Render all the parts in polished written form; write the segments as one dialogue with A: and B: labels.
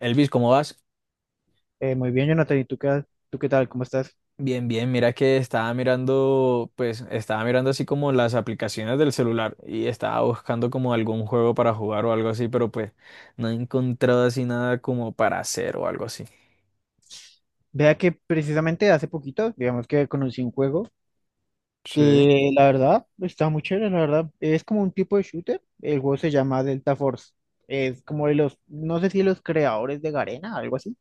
A: Elvis, ¿cómo vas?
B: Muy bien, Jonathan, ¿y tú qué tal? ¿Cómo estás?
A: Bien, bien, mira que estaba mirando, pues estaba mirando así como las aplicaciones del celular y estaba buscando como algún juego para jugar o algo así, pero pues no he encontrado así nada como para hacer o algo así.
B: Vea que precisamente hace poquito, digamos que conocí un juego
A: Sí.
B: que la verdad está muy chévere, la verdad. Es como un tipo de shooter. El juego se llama Delta Force. Es como de los, no sé si los creadores de Garena, algo así,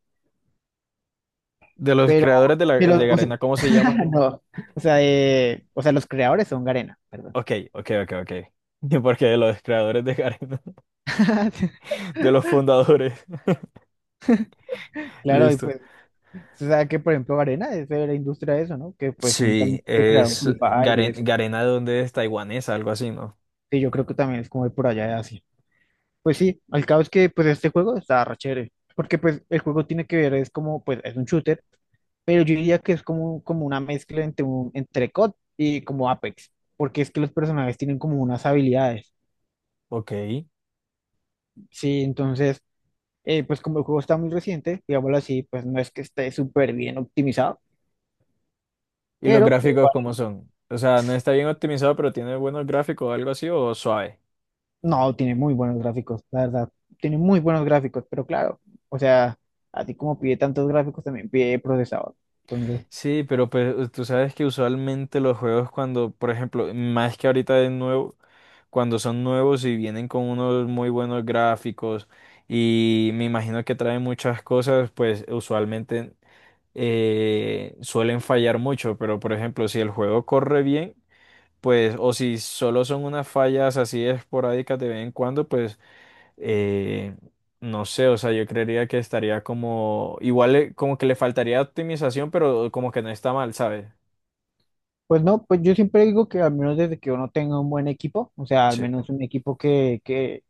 A: De los
B: pero,
A: creadores de, la, de
B: pero o sea,
A: Garena, ¿cómo se llama?
B: no, o sea, los creadores son Garena, perdón.
A: Ok, ok, ok, ok. Porque de los creadores de Garena, de los fundadores.
B: Claro, y
A: Listo.
B: pues, o sea, que por ejemplo Garena es de la industria de eso, ¿no? Que pues son
A: Sí,
B: también que crearon
A: es
B: Free Fire y eso.
A: Garena de donde es taiwanesa, algo así, ¿no?
B: Sí, yo creo que también es como de por allá de Asia. Pues sí, al cabo es que pues este juego está re chévere, porque pues el juego tiene que ver, es como, pues es un shooter, pero yo diría que es como, como una mezcla entre entre COD y como Apex, porque es que los personajes tienen como unas habilidades,
A: Ok.
B: sí, entonces, pues como el juego está muy reciente, digámoslo así, pues no es que esté súper bien optimizado,
A: ¿Y los
B: pero
A: gráficos cómo
B: igual,
A: son? O sea, no está bien optimizado, pero tiene buenos gráficos o algo así, o suave.
B: no, tiene muy buenos gráficos, la verdad, tiene muy buenos gráficos, pero claro, o sea, así como pide tantos gráficos, también pide procesador, entonces...
A: Sí, pero pues tú sabes que usualmente los juegos cuando, por ejemplo, más que ahorita de nuevo, cuando son nuevos y vienen con unos muy buenos gráficos y me imagino que traen muchas cosas, pues usualmente suelen fallar mucho, pero por ejemplo, si el juego corre bien, pues, o si solo son unas fallas así esporádicas de vez en cuando, pues eh, no sé, o sea, yo creería que estaría como, igual como que le faltaría optimización, pero como que no está mal, ¿sabes?
B: Pues no, pues yo siempre digo que al menos desde que uno tenga un buen equipo, o sea, al
A: Sí,
B: menos un equipo que, que,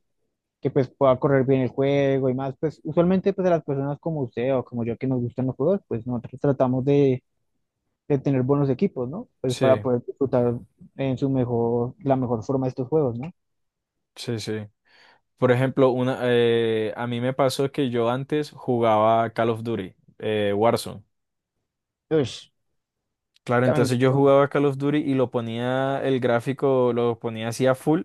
B: que pues pueda correr bien el juego y más, pues usualmente pues a las personas como usted o como yo que nos gustan los juegos, pues nosotros tratamos de tener buenos equipos, ¿no? Pues para
A: sí,
B: poder disfrutar en su mejor, la mejor forma estos juegos, ¿no?
A: sí, sí. Por ejemplo, una, a mí me pasó que yo antes jugaba Call of Duty, Warzone.
B: Pues,
A: Claro,
B: también.
A: entonces yo jugaba Call of Duty y lo ponía, el gráfico lo ponía así a full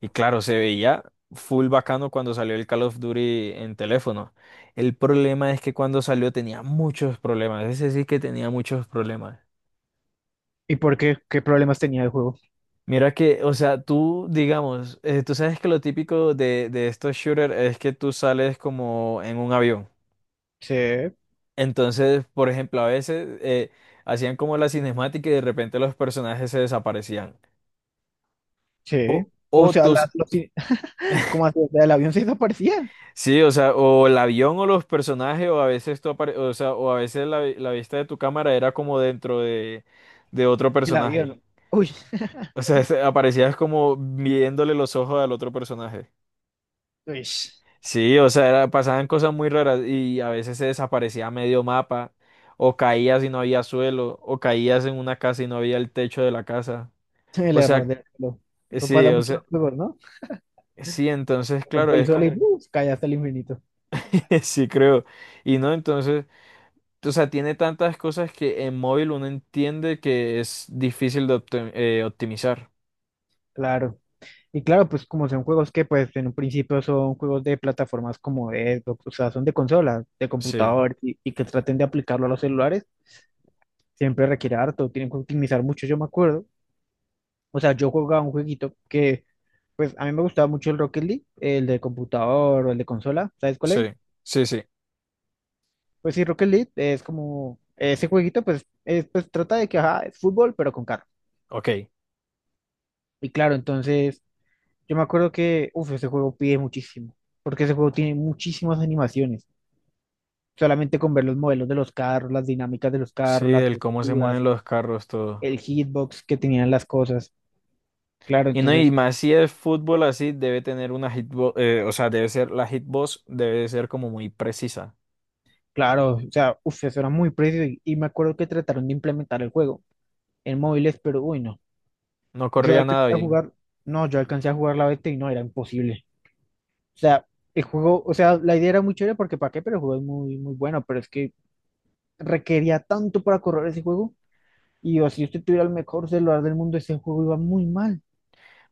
A: y claro, se veía full bacano cuando salió el Call of Duty en teléfono. El problema es que cuando salió tenía muchos problemas, ese sí que tenía muchos problemas.
B: ¿Y por qué? ¿Qué problemas tenía el juego?
A: Mira que, o sea, tú, digamos, tú sabes que lo típico de estos shooters es que tú sales como en un avión.
B: Sí,
A: Entonces, por ejemplo, a veces hacían como la cinemática y de repente los personajes se desaparecían.
B: sí.
A: O
B: O sea,
A: tus.
B: ¿cómo así? O sea, el avión se desaparecía.
A: Sí, o sea, o el avión o los personajes, o a veces o sea, o a veces la, la vista de tu cámara era como dentro de otro
B: El
A: personaje.
B: avión. Uy,
A: O sea, aparecías como viéndole los ojos al otro personaje.
B: uy.
A: Sí, o sea, pasaban cosas muy raras y a veces se desaparecía medio mapa, o caías y no había suelo, o caías en una casa y no había el techo de la casa.
B: El
A: O
B: error
A: sea,
B: del reloj. Eso
A: sí,
B: pasa
A: o
B: mucho en
A: sea,
B: los juegos, ¿no?
A: sí, entonces, claro,
B: Rompe el
A: es
B: sol y
A: como,
B: claro. ¡Uh! Cae hasta el infinito.
A: sí, creo. Y no, entonces. O sea, tiene tantas cosas que en móvil uno entiende que es difícil de optimizar.
B: Claro. Y claro, pues como son juegos que pues en un principio son juegos de plataformas como Xbox, o sea, son de consolas, de
A: Sí,
B: computador y que traten de aplicarlo a los celulares, siempre requiere harto, tienen que optimizar mucho, yo me acuerdo. O sea, yo jugaba un jueguito que pues a mí me gustaba mucho el Rocket League, el de computador o el de consola, ¿sabes cuál es?
A: sí, sí, sí.
B: Pues sí, Rocket League es como ese jueguito pues, pues trata de que ajá, es fútbol pero con carro.
A: Ok.
B: Y claro, entonces yo me acuerdo que, uff, ese juego pide muchísimo, porque ese juego tiene muchísimas animaciones. Solamente con ver los modelos de los carros, las dinámicas de los
A: Sí,
B: carros, las
A: el cómo se
B: texturas,
A: mueven los carros, todo.
B: el hitbox que tenían las cosas. Claro,
A: Y no, y
B: entonces,
A: más si es fútbol así, debe tener una hitbox, o sea, debe ser, la hitbox debe ser como muy precisa.
B: claro, o sea, uff, eso era muy preciso y me acuerdo que trataron de implementar el juego en móviles, pero uy, no.
A: No
B: Yo
A: corría
B: alcancé
A: nada
B: a
A: bien.
B: jugar, no, yo alcancé a jugar la beta y no, era imposible. O sea, el juego, o sea, la idea era muy chévere porque para qué, pero el juego es muy, muy bueno, pero es que requería tanto para correr ese juego. Y o si usted tuviera el mejor celular del mundo, ese juego iba muy mal.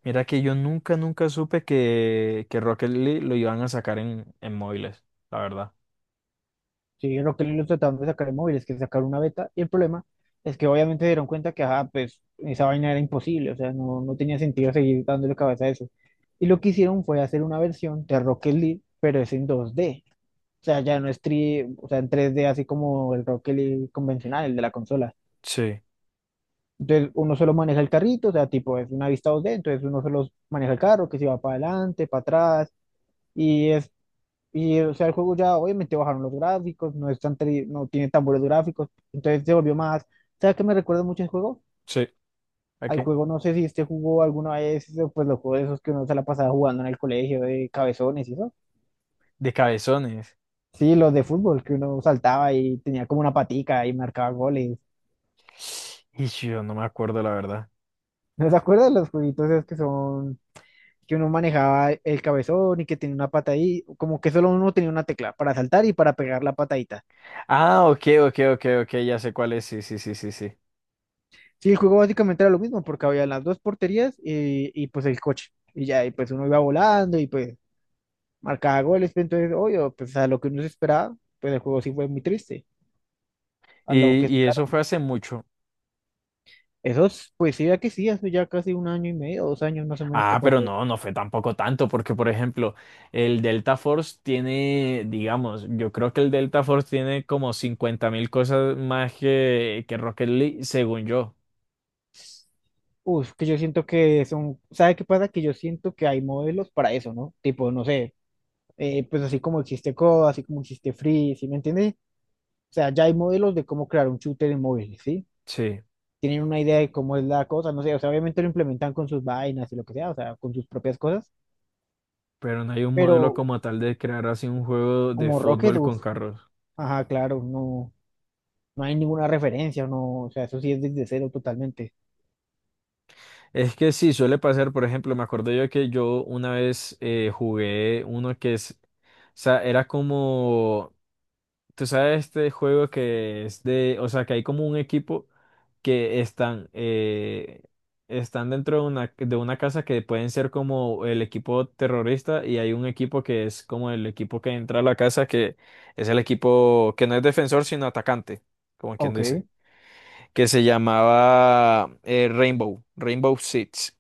A: Mira que yo nunca, nunca supe que Rocket League lo iban a sacar en móviles, la verdad.
B: Sí, Rocket League lo trataron de sacar en móviles, que sacar una beta. Y el problema es que obviamente dieron cuenta que, ajá, pues esa vaina era imposible. O sea, no, no tenía sentido seguir dándole cabeza a eso. Y lo que hicieron fue hacer una versión de Rocket League, pero es en 2D. O sea, ya no es o sea, en 3D, así como el Rocket League convencional, el de la consola.
A: Sí,
B: Entonces, uno solo maneja el carrito, o sea, tipo, es una vista 2D, entonces uno solo maneja el carro, que se va para adelante, para atrás, y es y, o sea, el juego ya obviamente bajaron los gráficos, no es tan no tiene tan buenos gráficos, entonces se volvió más. ¿Sabes qué me recuerda mucho el juego?
A: sí. ¿A
B: Al
A: qué?
B: juego, no sé si este jugó alguna vez, pues los juegos esos que uno se la pasaba jugando en el colegio de cabezones y eso.
A: De cabezones.
B: Sí, los de fútbol, que uno saltaba y tenía como una patica y marcaba goles.
A: Y sí, yo no me acuerdo la verdad.
B: ¿No se acuerdan los jueguitos esos que son, que uno manejaba el cabezón y que tenía una pata ahí? Como que solo uno tenía una tecla para saltar y para pegar la patadita.
A: Ah, ok, ok, ok, ok, ya sé cuál es, sí, sí, sí, sí, sí.
B: Sí, el juego básicamente era lo mismo, porque había las dos porterías pues el coche. Y ya, y pues uno iba volando y pues marcaba goles. Entonces, obvio, pues a lo que uno se esperaba, pues el juego sí fue muy triste. A lo que,
A: Y
B: claro,
A: eso fue hace mucho.
B: esos, pues sí, ya que sí, hace ya casi un año y medio, 2 años más o menos que
A: Ah, pero
B: pasó.
A: no, no fue tampoco tanto, porque por ejemplo, el Delta Force tiene, digamos, yo creo que el Delta Force tiene como 50.000 cosas más que Rocket League, según yo.
B: Uf, que yo siento que son, ¿sabe qué pasa? Que yo siento que hay modelos para eso, ¿no? Tipo, no sé, pues así como existe COD, así como existe Free, ¿sí me entiendes? O sea, ya hay modelos de cómo crear un shooter en móviles, ¿sí?
A: Sí,
B: Tienen una idea de cómo es la cosa, no sé, o sea, obviamente lo implementan con sus vainas y lo que sea, o sea, con sus propias cosas,
A: pero no hay un modelo
B: pero
A: como tal de crear así un juego de
B: como Rocket,
A: fútbol con
B: uff,
A: carros.
B: ajá, claro, no, no hay ninguna referencia, no, o sea, eso sí es desde cero totalmente.
A: Es que sí, suele pasar, por ejemplo, me acuerdo yo que yo una vez jugué uno que es, o sea, era como, tú sabes, este juego que es de, o sea, que hay como un equipo que están, están dentro de una casa que pueden ser como el equipo terrorista y hay un equipo que es como el equipo que entra a la casa, que es el equipo que no es defensor, sino atacante, como quien
B: Ok.
A: dice, que se llamaba Rainbow, Rainbow Six.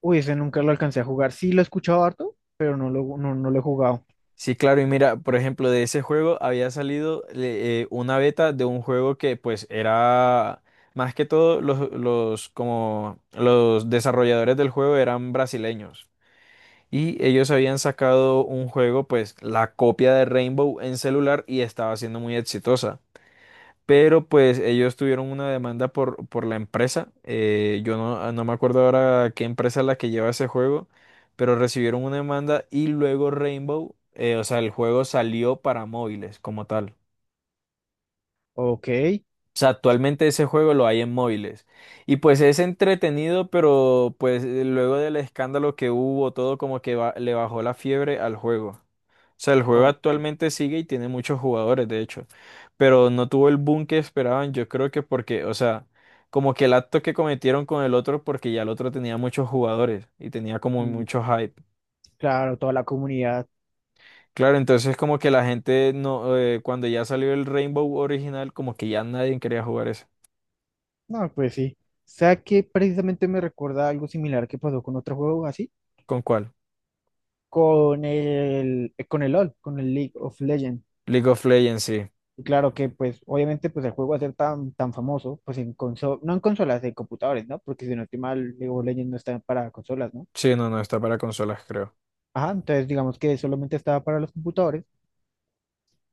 B: Uy, ese nunca lo alcancé a jugar, sí lo he escuchado harto, pero no lo, no, no lo he jugado.
A: Sí, claro, y mira, por ejemplo, de ese juego había salido una beta de un juego que pues era más que todo los como los desarrolladores del juego eran brasileños y ellos habían sacado un juego pues la copia de Rainbow en celular y estaba siendo muy exitosa. Pero pues ellos tuvieron una demanda por la empresa. Eh, yo no, no me acuerdo ahora qué empresa es la que lleva ese juego, pero recibieron una demanda y luego Rainbow, o sea, el juego salió para móviles como tal.
B: Ok,
A: O sea, actualmente ese juego lo hay en móviles. Y pues es entretenido, pero pues luego del escándalo que hubo, todo como que le bajó la fiebre al juego. O sea, el juego
B: ok.
A: actualmente sigue y tiene muchos jugadores, de hecho, pero no tuvo el boom que esperaban, yo creo que porque, o sea, como que el acto que cometieron con el otro, porque ya el otro tenía muchos jugadores y tenía como
B: Mm,
A: mucho hype.
B: claro, toda la comunidad,
A: Claro, entonces como que la gente no, cuando ya salió el Rainbow original, como que ya nadie quería jugar eso.
B: no, pues sí. O sea que precisamente me recuerda algo similar que pasó con otro juego así,
A: ¿Con cuál?
B: con el LOL, con el League of Legends.
A: League of Legends, sí.
B: Y claro que, pues, obviamente, pues el juego va a ser tan, tan famoso, pues en consolas, no en consolas, en computadores, ¿no? Porque si no estoy mal, League of Legends no está para consolas, ¿no?
A: Sí, no, no, está para consolas, creo.
B: Ajá, entonces digamos que solamente estaba para los computadores,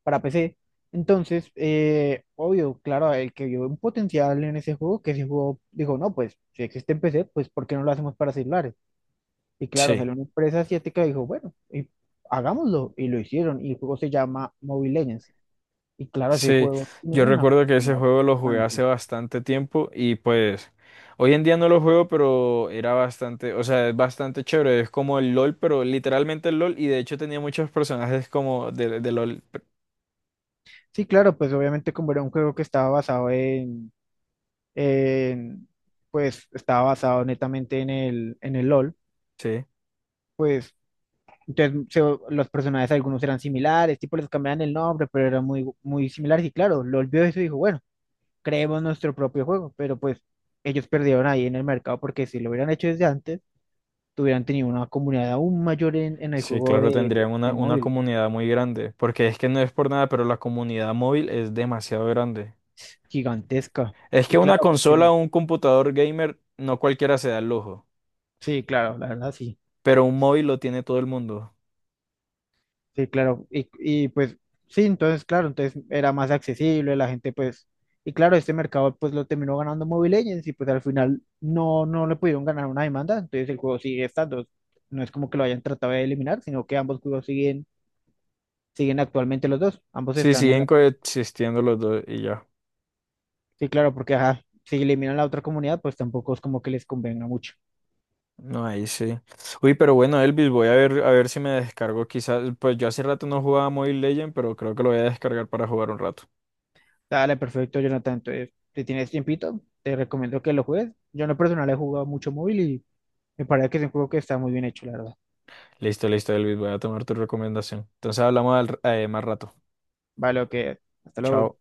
B: para PC. Entonces, obvio, claro, el que vio un potencial en ese juego, que ese juego dijo, no, pues, si existe en PC, pues, ¿por qué no lo hacemos para celulares? Y claro,
A: Sí.
B: salió una empresa asiática y dijo, bueno, y hagámoslo, y lo hicieron, y el juego se llama Mobile Legends. Y claro, ese
A: Sí,
B: juego tiene
A: yo
B: una
A: recuerdo que ese
B: comunidad
A: juego lo jugué hace
B: gigante.
A: bastante tiempo y pues hoy en día no lo juego, pero era bastante, o sea, es bastante chévere, es como el LOL, pero literalmente el LOL y de hecho tenía muchos personajes como de LOL.
B: Sí, claro, pues obviamente como era un juego que estaba basado en, pues estaba basado netamente en el, LOL,
A: Sí,
B: pues entonces los personajes algunos eran similares, tipo les cambiaban el nombre, pero eran muy, muy similares y claro, LOL vio eso y dijo, bueno, creemos nuestro propio juego, pero pues ellos perdieron ahí en el mercado porque si lo hubieran hecho desde antes, hubieran tenido una comunidad aún mayor en el
A: sí,
B: juego
A: claro,
B: de,
A: tendrían
B: de
A: una
B: móvil,
A: comunidad muy grande, porque es que no es por nada, pero la comunidad móvil es demasiado grande.
B: gigantesca.
A: Es que
B: Y
A: una
B: claro,
A: consola o un computador gamer no cualquiera se da el lujo,
B: sí, claro, la verdad, sí.
A: pero un móvil lo tiene todo el mundo.
B: Sí, claro. Y pues sí, entonces, claro, entonces era más accesible, la gente pues, y claro, este mercado pues lo terminó ganando Mobile Legends y pues al final no, no le pudieron ganar una demanda, entonces el juego sigue estando. No es como que lo hayan tratado de eliminar, sino que ambos juegos siguen, siguen actualmente los dos, ambos
A: Sí,
B: están en
A: siguen
B: la...
A: coexistiendo los dos y ya.
B: Sí, claro, porque ajá, si eliminan la otra comunidad, pues tampoco es como que les convenga mucho.
A: No, ahí sí. Uy, pero bueno, Elvis, voy a ver si me descargo quizás. Pues yo hace rato no jugaba Mobile Legend, pero creo que lo voy a descargar para jugar un rato.
B: Dale, perfecto, Jonathan. Entonces, si tienes tiempito, te recomiendo que lo juegues. Yo en lo personal he jugado mucho móvil y me parece que es un juego que está muy bien hecho, la verdad.
A: Listo, listo, Elvis, voy a tomar tu recomendación. Entonces hablamos más rato.
B: Vale, ok. Hasta luego.
A: Chao.